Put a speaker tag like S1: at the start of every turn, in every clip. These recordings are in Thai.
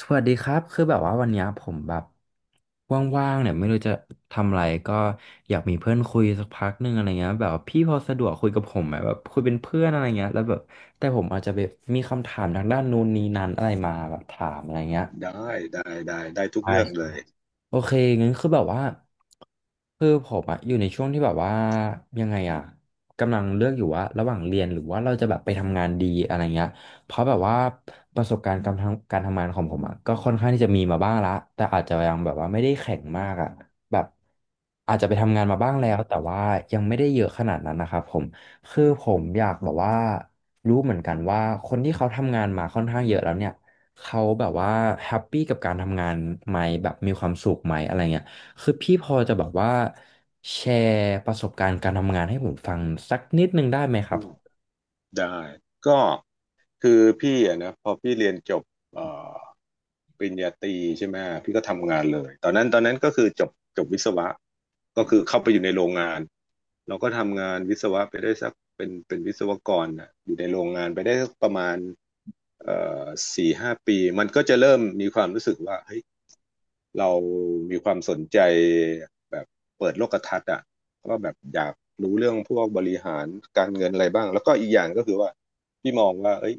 S1: สวัสดีครับคือแบบว่าวันเนี้ยผมแบบว่างๆเนี่ยไม่รู้จะทำอะไรก็อยากมีเพื่อนคุยสักพักหนึ่งอะไรเงี้ยแบบว่าพี่พอสะดวกคุยกับผมไหมแบบคุยเป็นเพื่อนอะไรเงี้ยแล้วแบบแต่ผมอาจจะแบบมีคำถามทางด้านนู้นนี้นั้นอะไรมาแบบถามอะไรเงี้ย
S2: ได้ได้ได้ได้ทุกเรื่องเลย
S1: โอเคงั้นคือแบบว่าคือผมอะอยู่ในช่วงที่แบบว่ายังไงอะกำลังเลือกอยู่ว่าระหว่างเรียนหรือว่าเราจะแบบไปทำงานดีอะไรเงี้ยเพราะแบบว่าประสบการณ์การทำงานของผมอะก็ค่อนข้างที่จะมีมาบ้างละแต่อาจจะยังแบบว่าไม่ได้แข็งมากอะแบบอาจจะไปทำงานมาบ้างแล้
S2: อื
S1: วแต่
S2: ม
S1: ว่ายังไม่ได้เยอะขนาดนั้นนะครับผมคือผมอยากแบบว่ารู้เหมือนกันว่าคนที่เขาทำงานมาค่อนข้างเยอะแล้วเนี่ย เขาแบบว่าแฮปปี้กับการทำงานไหมแบบมีความสุขไหมอะไรเงี้ยคือพี่พอจะแบบว่าแชร์ประสบการณ์การทำงานให้ผมฟังสักนิดนึงได้ไหมครั
S2: อื
S1: บ
S2: มได้ก็คือพี่อะนะพอพี่เรียนจบเอ่อปริญญาตรีใช่ไหมพี่ก็ทำงานเลยตอนนั้นก็คือจบวิศวะก็คือเข้าไปอยู่ในโรงงานเราก็ทำงานวิศวะไปได้สักเป็นวิศวกรนะอยู่ในโรงงานไปได้สักประมาณเอ่อ4-5 ปีมันก็จะเริ่มมีความรู้สึกว่าเฮ้ย เรามีความสนใจแบบเปิดโลกทัศน์อ่ะก็แบบอยากรู้เรื่องพวกบริหารการเงินอะไรบ้างแล้วก็อีกอย่างก็คือว่าพี่มองว่าเอ้ย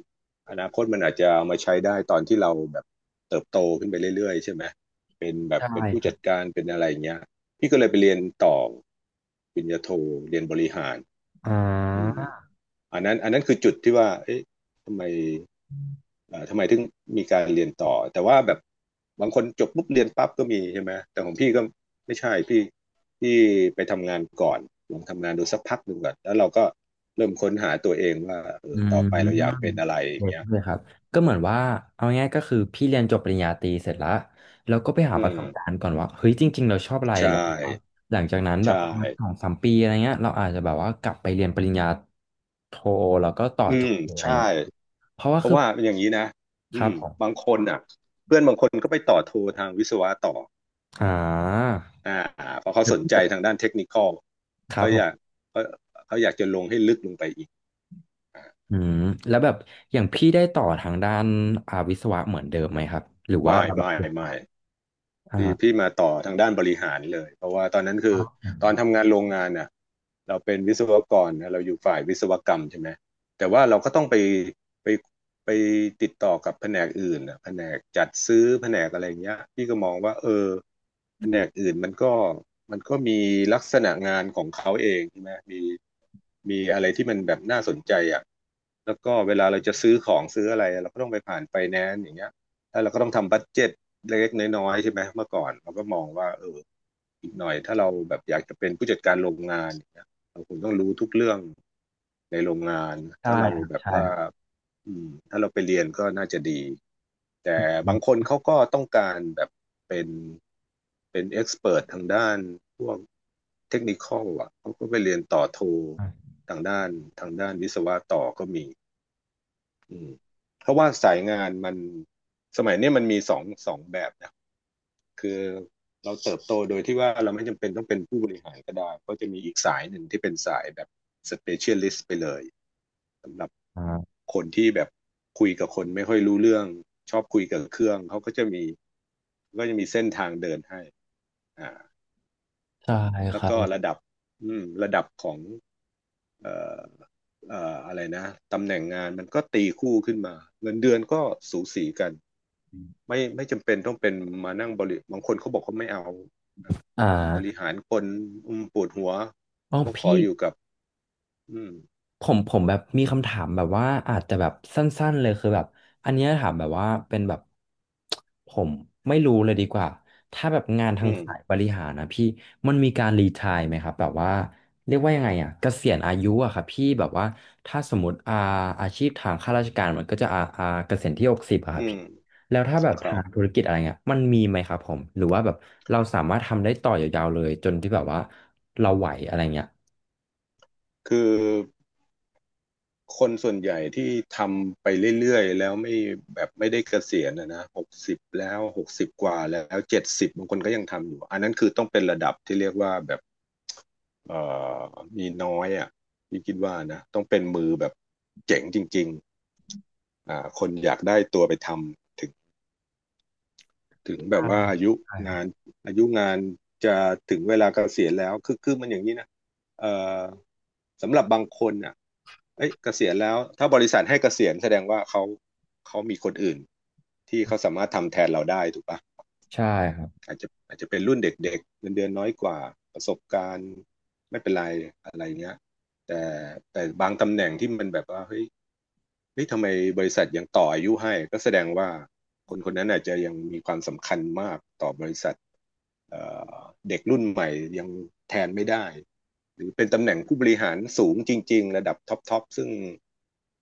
S2: อนาคตมันอาจจะเอามาใช้ได้ตอนที่เราแบบเติบโตขึ้นไปเรื่อยๆใช่ไหมเป็นแบบ
S1: ได้
S2: เป็นผู้
S1: ครั
S2: จั
S1: บ
S2: ดการเป็นอะไรอย่างเงี้ยพี่ก็เลยไปเรียนต่อปริญญาโทเรียนบริหาร
S1: อ่
S2: อืม
S1: า
S2: อันนั้นคือจุดที่ว่าเอ๊ะทำไม ทำไมถึงมีการเรียนต่อแต่ว่าแบบบางคนจบปุ๊บเรียนปั๊บก็มีใช่ไหมแต่ของพี่ก็ไม่ใช่พี่ไปทำงานก่อนลองทำงานดูสักพักหนึ่งก่อนแล้วเราก็เริ่มค้นหาตัวเองว่าเอ
S1: อื
S2: อต่อไปเราอยากเป็
S1: ม
S2: นอะไรอย่า
S1: เด็
S2: ง
S1: ก
S2: เงี้ย
S1: เลยครับก็เหมือนว่าเอาง่ายๆก็คือพี่เรียนจบปริญญาตรีเสร็จแล้วแล้วก็ไปหา
S2: อื
S1: ประส
S2: ม
S1: บการณ์ก่อนว่าเฮ้ยจริงๆเราชอบอะไร
S2: ใช่
S1: แล้วหลังจากนั้นแบบ
S2: ใช่
S1: ประมาณสองสามปีอะไรเงี้ยเราอาจจะแบบว่ากลับไปเรียนปริญญาโทแล้วก็ต่อ
S2: อื
S1: จบ
S2: ม
S1: อะไร
S2: ใช่
S1: เงี้ยเพราะว่า
S2: เพราะ
S1: คือ
S2: ว่าเป็นอย่างนี้นะ
S1: ค
S2: อื
S1: รับ
S2: ม
S1: ผม
S2: บางคนอ่ะเพื่อนบางคนก็ไปต่อโททางวิศวะต่อ
S1: อ่า
S2: อ่าเพราะเขา
S1: แล้ว
S2: สน
S1: พี่
S2: ใจ
S1: แบบ
S2: ทางด้านเทคนิคอล
S1: ครับ
S2: เขา
S1: ผ
S2: อยาก
S1: ม
S2: เขาเขาอยากจะลงให้ลึกลงไปอีก
S1: อืมแล้วแบบอย่างพี่ได้ต่อทางด้านอาวิศวะเหมือนเดิมไหมครับหรือว่า
S2: ไม่
S1: แบบ
S2: ไม่ไม่พี่
S1: อ่า
S2: มาต่อทางด้านบริหารเลยเพราะว่าตอนนั้นคือตอนทำงานโรงงานน่ะเราเป็นวิศวกรนะเราอยู่ฝ่ายวิศวกรรมใช่ไหมแต่ว่าเราก็ต้องไปไปไปติดต่อกับแผนกอื่นน่ะแผนกจัดซื้อแผนกอะไรอย่างเงี้ยพี่ก็มองว่าเออแผนกอื่นมันก็มีลักษณะงานของเขาเองใช่ไหมมีอะไรที่มันแบบน่าสนใจอ่ะแล้วก็เวลาเราจะซื้อของซื้ออะไรเราก็ต้องไปผ่านไฟแนนซ์อย่างเงี้ย แล้วเราก็ต้องทำบัดเจ็ตเล็กๆน้อยๆใช่ไหมเมื่อก่อนเราก็มองว่าเอออีกหน่อยถ้าเราแบบอยากจะเป็นผู้จัดการโรงงานอย่างเงี้ยเราคงต้องรู้ทุกเรื่องในโรงงาน
S1: ใช่
S2: ถ้าเรา
S1: ครับ
S2: แบบ
S1: ใช่
S2: ว่า
S1: ครับ
S2: อืมถ้าเราไปเรียนก็น่าจะดีแต่บางค
S1: อ
S2: นเขาก็ต้องการแบบเป็นเป็นเอ็กซ์เพิร์ททางด้านพวกเทคนิคอลอ่ะเขาก็ไปเรียนต่อโททางด้านทางด้านวิศวะต่อก็มี อืมเพราะว่าสายงานมันสมัยเนี้ยมันมีสองแบบนะคือเราเติบโตโดยที่ว่าเราไม่จำเป็นต้องเป็นผู้บริหารก็ได้ก็จะมีอีกสายหนึ่งที่เป็นสายแบบสเปเชียลิสต์ไปเลยสำหรับ
S1: ่า
S2: คนที่แบบคุยกับคนไม่ค่อยรู้เรื่องชอบคุยกับเครื่องเขาก็จะมีเส้นทางเดินให้อ่า
S1: ใช่ค
S2: แล้ว
S1: รั
S2: ก็
S1: บ
S2: ระดับอืมระดับของเอ่ออะไรนะตำแหน่งงานมันก็ตีคู่ขึ้นมาเงินเดือนก็สูสีกัน ไม่จำเป็นต้องเป็นมานั่งบริบางคนเขาบอกเขาไม่เอานะ
S1: อ่
S2: บริ
S1: า
S2: หารคนอืมปวดหัว
S1: อ๋อ
S2: ก็ขอ
S1: พี่
S2: อยู่กับอืม
S1: ผมผมแบบมีคำถามแบบว่าอาจจะแบบสั้นๆเลยคือแบบอันเนี้ยถามแบบว่าเป็นแบบผมไม่รู้เลยดีกว่าถ้าแบบงานทา
S2: อื
S1: งสาย
S2: ม
S1: บริหารนะพี่มันมีการรีไทร์ไหมครับแบบว่าเรียกว่ายังไงอ่ะเกษียณอายุอะครับพี่แบบว่าถ้าสมมติอาอาชีพทางข้าราชการมันก็จะอาอาเกษียณที่60อะครั
S2: อื
S1: บ
S2: ม
S1: พี่แล้วถ้าแบบ
S2: ครั
S1: ทางธุ
S2: บ
S1: รกิจอะไรเงี้ยมันมีไหมครับผมหรือว่าแบบเราสามารถทำได้ต่อยาวๆเลยจนที่แบบว่าเราไหวอะไรเงี้ย
S2: คือคนส่วนใหญ่ที่ทำไปเรื่อยๆแล้วไม่แบบไม่ได้เกษียณนะหกสิบแล้วหกสิบกว่าแล้วเจ็ดสิบบางคนก็ยังทำอยู่อันนั้นคือต้องเป็นระดับที่เรียกว่าแบบเอ่อมีน้อยอ่ะพี่คิดว่านะต้องเป็นมือแบบเจ๋งจริงๆอ่าคนอยากได้ตัวไปทำถึงแบบ
S1: ใช่
S2: ว่า
S1: ใช่ครั
S2: งา
S1: บ
S2: นอายุงานจะถึงเวลาเกษียณแล้วคือมันอย่างนี้นะเอ่อสำหรับบางคนอ่ะเอ้ยเกษียณแล้วถ้าบริษัทให้เกษียณแสดงว่าเขามีคนอื่นที่เขาสามารถทำแทนเราได้ถูกปะ
S1: ใช่ครับ
S2: อาจจะเป็นรุ่นเด็กๆเงินเดือนน้อยกว่าประสบการณ์ไม่เป็นไรอะไรเงี้ยแต่แต่บางตำแหน่งที่มันแบบว่าเฮ้ยทำไมบริษัทยังต่ออายุให้ก็แสดงว่าคนคนนั้นอาจจะยังมีความสำคัญมากต่อบริษัทเอ่อเด็กรุ่นใหม่ยังแทนไม่ได้หรือเป็นตำแหน่งผู้บริหารสูงจริงๆระดับท็อปทอปซึ่ง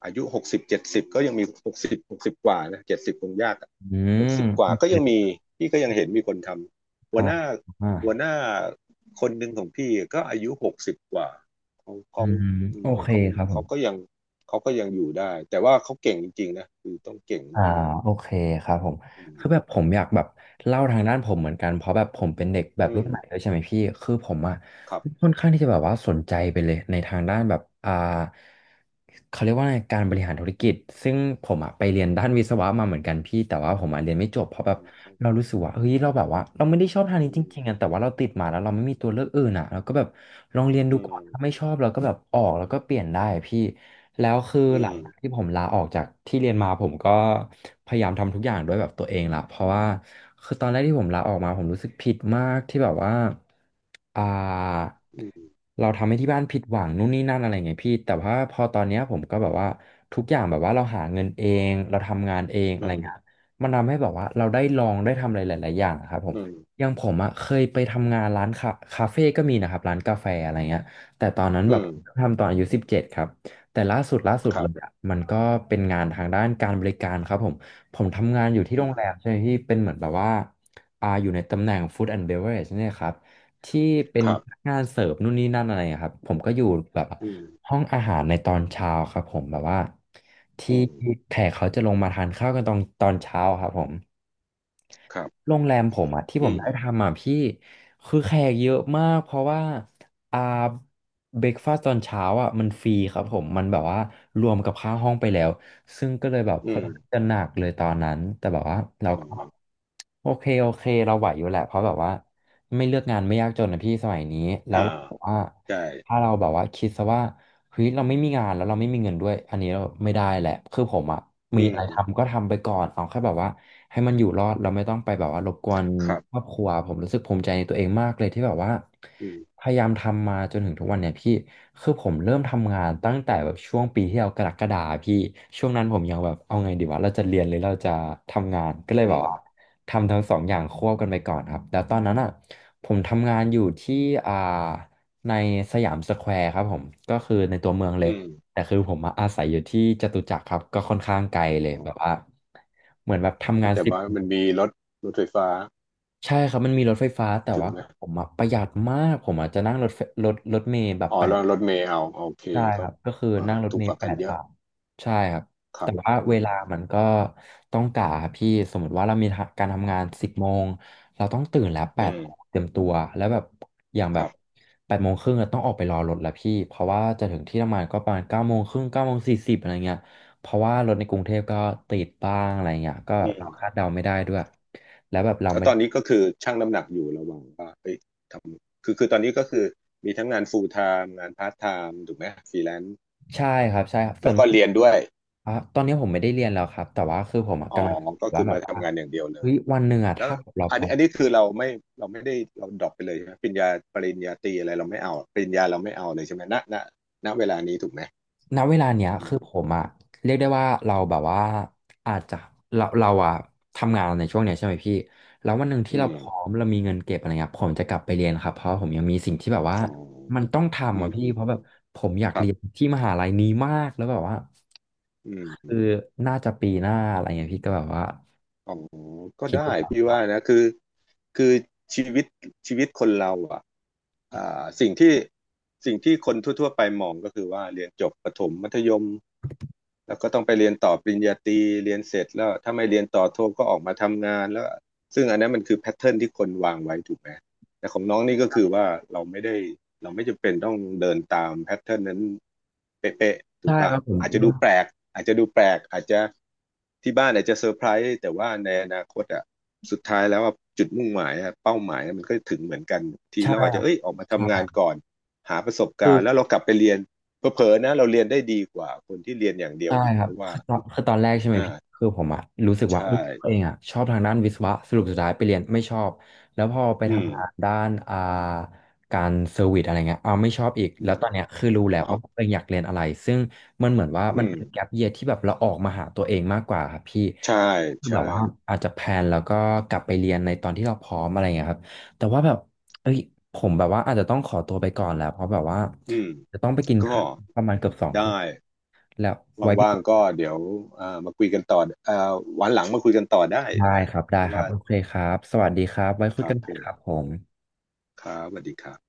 S2: อายุ60-70ก็ยังมีหกสิบกว่านะเจ็ดสิบคงยาก
S1: อื
S2: ห
S1: ม
S2: กสิบก
S1: โอ
S2: ว่าก็ยังมี
S1: เค
S2: พี่ก็ยังเห็นมีคนทำหั
S1: อ่า
S2: วหน้า
S1: อ่า
S2: หัวหน้าคนหนึ่งของพี่ก็อายุหกสิบกว่าเขา
S1: อื
S2: เขา
S1: ม
S2: อื
S1: โอ
S2: ม
S1: เค
S2: เขา
S1: ครับผม
S2: เขาก็ยัง เขาก็ยังอยู่ได้แต่ว่าเขาเก่งจริงๆนะคือต้องเก่ง
S1: อ่า
S2: มาก
S1: โอเคครับผม
S2: ๆอืม
S1: คือแบบผมอยากแบบเล่าทางด้านผมเหมือนกันเพราะแบบผมเป็นเด็กแบ
S2: อื
S1: บรุ่
S2: ม
S1: นใหม่ด้วยใช่ไหมพี่คือผมอะ
S2: ครับ
S1: ค่อนข้างที่จะแบบว่าสนใจไปเลยในทางด้านแบบอ่าเขาเรียกว่าไงการบริหารธุรกิจซึ่งผมอะไปเรียนด้านวิศวะมาเหมือนกันพี่แต่ว่าผมอะเรียนไม่จบเพราะแบ
S2: อื
S1: บเรา
S2: ม
S1: รู้สึกว่าเฮ้ยเราแบบว่าเราไม่ได้ชอบทางนี้จริงๆอะแต่ว่าเราติดมาแล้วเราไม่มีตัวเลือกอื่นอะเราก็แบบลองเรียนดู
S2: อื
S1: ก่อน
S2: ม
S1: ถ้าไม่ชอบเราก็แบบออกแล้วก็เปลี่ยนได้พี่แล้วคือ
S2: อื
S1: หลั
S2: ม
S1: งจากที่ผมลาออกจากที่เรียนมาผมก็พยายามทำทุกอย่างด้วยแบบตัวเองละเพราะว่าคือตอนแรกที่ผมลาออกมาผมรู้สึกผิดมากที่แบบว่า อ่า
S2: อืม
S1: เราทำให้ที่บ้านผิดหวังนู่นนี่นั่นอะไรเงพี่แต่ว่าพอตอนเนี้ยผมก็แบบว่าทุกอย่างแบบว่าเราหาเงินเองเราทำงานเองอะ
S2: อื
S1: ไร
S2: ม
S1: เงี้ยมันทำให้แบบว่าเราได้ลองได้ทำอะไรหลายๆอย่างอะครับผม
S2: อืม
S1: อย่างผมอะเคยไปทำงานร้านคาเฟ่ก็มีนะครับร้านกาแฟอะไรเงี้ยแต่ตอนนั้น
S2: อื
S1: แบบ
S2: มอืม
S1: ทำตอนอายุ17ครับแต่ล่าสุด
S2: ค
S1: เล
S2: รั
S1: ย
S2: บ
S1: อะมันก็เป็นงานทางด้านการบริการครับผมผมทำงานอยู่ที่
S2: อื
S1: โรง
S2: ม
S1: แรมใช่ไหมพี่เป็นเหมือนแบบว่าอ่าอยู่ในตำแหน่ง Food and Beverage เนี่ยครับ ที่เป็น
S2: ครับ
S1: พนักงานเสิร์ฟนู่นนี่นั่นอะไรอะครับผมก็อยู่แบบ
S2: อืม
S1: ห้องอาหารในตอนเช้าครับผมแบบว่าที่
S2: อืม
S1: แขกเขาจะลงมาทานข้าวกันตอนเช้าครับผม
S2: ครับ
S1: โรงแรมผมอะที่ผ
S2: อื
S1: ม
S2: ม
S1: ได้ทำอะพี่คือแขกเยอะมากเพราะว่าอ่าเบรกฟาสตตอนเช้าอะมันฟรีครับผมมันแบบว่ารวมกับค่าห้องไปแล้วซึ่งก็เลยแบบ
S2: อื
S1: ค่อนข้าง
S2: ม
S1: จะหนักเลยตอนนั้นแต่แบบว่าเรา
S2: อ๋
S1: ก็
S2: อ
S1: โอเคโอเคเราไหวอยู่แหละเพราะแบบว่า ไม่เลือกงานไม่ยากจนนะพี่สมัยนี้แล้
S2: อ่า
S1: วเราบอกว่า
S2: ใช่
S1: ถ้าเราแบบว่าคิดซะว่าเฮ้ยเราไม่มีงานแล้วเราไม่มีเงินด้วยอันนี้เราไม่ได้แหละคือผมอะ
S2: อื
S1: มีอะไร
S2: ม
S1: ทำก็ทำไปก่อนเอาแค่แบบว่าให้มันอยู่รอดเราไม่ต้องไปแบบว่ารบกวน
S2: ครับ
S1: ครอบครัวผมรู้สึกภูมิใจในตัวเองมากเลยที่แบบว่า
S2: อืม
S1: พยายามทำมาจนถึงทุกวันเนี่ยพี่คือผมเริ่มทำงานตั้งแต่แบบช่วงปีที่แล้วกรกฎาพี่ช่วงนั้นผมยังแบบเอาไงดีวะเราจะเรียนหรือเราจะทำงานก็เลย
S2: อื
S1: แบบ
S2: ม
S1: ว่า ทำทั้งสองอย่างควบกันไปก่อนครับแล้วตอนนั้นอ่ะผมทำงานอยู่ที่อ่าในสยามสแควร์ครับผม ก็คือในตัวเมืองเล
S2: อื
S1: ย
S2: ม
S1: แต่คือผมมาอาศัยอยู่ที่จตุจักรครับก็ค่อนข้างไกลเลย
S2: อ
S1: แบบ
S2: ๋
S1: ว่าเหมือนแบบทำ
S2: อ
S1: งาน
S2: แต่
S1: สิบ
S2: ว่ามันมีรถไฟฟ้า
S1: ใช่ครับมันมีรถไฟฟ้าแต่
S2: ถึง
S1: ว่า
S2: ไหม
S1: ผมอะประหยัดมากผมอจจะนั่งรถไฟรถเมล์แบบ
S2: อ๋อ
S1: แปด
S2: แล้วรถเมล์เอาโอเค
S1: ใช่ค
S2: ก็
S1: รับก็คือนั่
S2: อ่า
S1: งรถ
S2: ถูก
S1: เม
S2: ก
S1: ล์
S2: ว่า
S1: แป
S2: กัน
S1: ด
S2: เยอะ
S1: บาทใช่ครับ
S2: ครั
S1: แต่
S2: บ
S1: ว่า
S2: อื
S1: เวลา
S2: ม
S1: มันก็ต้องกะครับพี่สมมติว่าเรามีการทำงาน10 โมงเราต้องตื่นแล้วแป
S2: อื
S1: ด
S2: ม
S1: เตรียมตัวแล้วแบบอย่างแบ
S2: ค
S1: บ
S2: รับ
S1: 8 โมงครึ่งต้องออกไปรอรถแล้วพี่เพราะว่าจะถึงที่ทำงานก็ประมาณ9 โมงครึ่ง9 โมง 40อะไรเงี้ยเพราะว่ารถในกรุงเทพก็ติดบ้างอะไรเงี้ยก็
S2: อื
S1: เรา
S2: ม
S1: คาดเดาไม่ได้ด้วยแล้วแบบเรา
S2: แล้ว
S1: ไม่
S2: ตอ
S1: ได้
S2: นนี้ก็คือชั่งน้ำหนักอยู่ระหว่างว่าเอ้ยทำคือตอนนี้ก็คือมีทั้งงาน full time งาน part time ถูกไหมฟรีแลนซ์
S1: ใช่ครับใช่ครับส่ว
S2: แล้
S1: น
S2: วก็
S1: มาก
S2: เรียนด้วย
S1: อ่ะตอนนี้ผมไม่ได้เรียนแล้วครับแต่ว่าคือผมอะ
S2: อ๋อ
S1: กำลังคิด
S2: ก็คื
S1: ว่า
S2: อ
S1: แบ
S2: มา
S1: บว่า
S2: ทำงานอย่างเดียวเล
S1: เฮ้
S2: ย
S1: ยวันหนึ่งอ่ะ
S2: แล้ว
S1: ถ้าเรา
S2: อั
S1: พ
S2: น
S1: ร้อ
S2: นี้
S1: ม
S2: คือเราไม่ได้เราดรอปไปเลยใช่ไหมปริญญาตรีอะไรเราไม่เอาปริญญาเราไม่เอาเลยใช่ไหมณเวลานี้ถูกไหม
S1: ณเวลาเนี้ย
S2: อื
S1: คือผ
S2: ม
S1: มอะเรียกได้ว่าเราแบบว่าอาจจะเราอะทำงานในช่วงเนี้ยใช่ไหมพี่แล้ววันหนึ่งที่
S2: อื
S1: เรา
S2: ม
S1: พร้อมเรามีเงินเก็บอะไรเงี้ยผมจะกลับไปเรียนครับเพราะผมยังมีสิ่งที่แบบว่า
S2: อ๋อ
S1: มันต้อง
S2: อื
S1: ทำอ่ะ
S2: ม
S1: พี่
S2: อืม
S1: เพราะแบบผมอยาก
S2: ครั
S1: เรียน
S2: บ
S1: ที่มหาลัยนี้มากแล้วแบบว่า
S2: อื
S1: คื
S2: ม
S1: อน่าจะปีหน้าอะไรเงี้ยพี่ก็แบบว่า
S2: อ๋อก็
S1: คิด
S2: ได้
S1: ดูครับ
S2: พี่
S1: ว่า
S2: ว่านะคือชีวิตคนเราอ่ะอ่าสิ่งที่คนทั่วๆไปมองก็คือว่าเรียนจบประถมมัธยม แล้วก็ต้องไปเรียนต่อปริญญาตรีเรียนเสร็จแล้วถ้าไม่เรียนต่อโทก็ออกมาทำงานแล้วซึ่งอันนั้นมันคือแพทเทิร์นที่คนวางไว้ถูกไหมแต่ของน้องนี่ก็คือว่าเราไม่ได้เราไม่จำเป็นต้องเดินตามแพทเทิร์นนั้นเป๊ะๆถู
S1: ใช่
S2: ก
S1: ค
S2: ป่ะ
S1: รับผม
S2: อาจจะดูแปลกอาจจะที่บ้านอาจจะเซอร์ไพรส์แต่ว่าในอนาคตอ่ะสุดท้ายแล้วอะจุดมุ่งหมายเป้าหมายมันก็ถึงเหมือนกันที
S1: ใช่
S2: เราอาจจะเอ้ยออกมาทำงาน
S1: ใช่
S2: ก่อนหาประสบ
S1: คื
S2: กา
S1: อ
S2: รณ์แล้วเรากลับไปเรียน เผลอๆนะเราเรียนได้ดีกว่าคนที่เรียนอย่างเดียว
S1: ใช่
S2: อีก
S1: ครั
S2: เพ
S1: บ
S2: ราะว่า
S1: คือตอนตอนแรกใช่ไหมพี่
S2: อ่า
S1: คือผมอะรู้สึกว่าเอ
S2: ใช่
S1: ยตัวเองอะชอบทางด้านวิศวะสรุปสุดท้ายไปเรียนไม่ชอบแล้วพอไป
S2: อืม
S1: ทำงานด้านการเซอร์วิสอะไรเงี้ยเอาไม่ชอบอีก
S2: อื
S1: แล้ว
S2: ม
S1: ตอนเนี้ยคือรู้แล้ว
S2: เอา
S1: ว่าตัวเองอยากเรียนอะไรซึ่งมันเหมือนว่า
S2: อื
S1: มัน
S2: ม
S1: เป็นแก p เยียที่แบบเราออกมาหาตัวเองมากกว่าครับพี่
S2: ใช่
S1: คือ
S2: ใช่
S1: แบบว่าอาจจะแพลนแล้วก็กลับไปเรียนในตอนที่เราพร้อมอะไรเงี้ยครับแต่ว่าแบบเอ้ยผมแบบว่าอาจจะต้องขอตัวไปก่อนแล้วเพราะแบบว่า
S2: อืม
S1: จะต้องไปกิน
S2: ก็
S1: ข้าวประมาณเกือบสองทุ่
S2: ได้
S1: ม แล้วไว้พี
S2: ว่า
S1: โอ
S2: งๆ
S1: กา
S2: ก็
S1: ส
S2: เดี๋ยวอ่ามาคุยกันต่ออ่าวันหลังมาคุยกันต่อได้
S1: ได้
S2: นะ
S1: ครับ
S2: เพ
S1: ได้
S2: ราะ
S1: ครั
S2: ว่า
S1: บโอเคครับสวัสดีครับไว้คุ
S2: ค
S1: ย
S2: รั
S1: กั
S2: บ
S1: นให
S2: ผ
S1: ม่ครับ
S2: ม
S1: ผม
S2: ครับสวัสดีครับ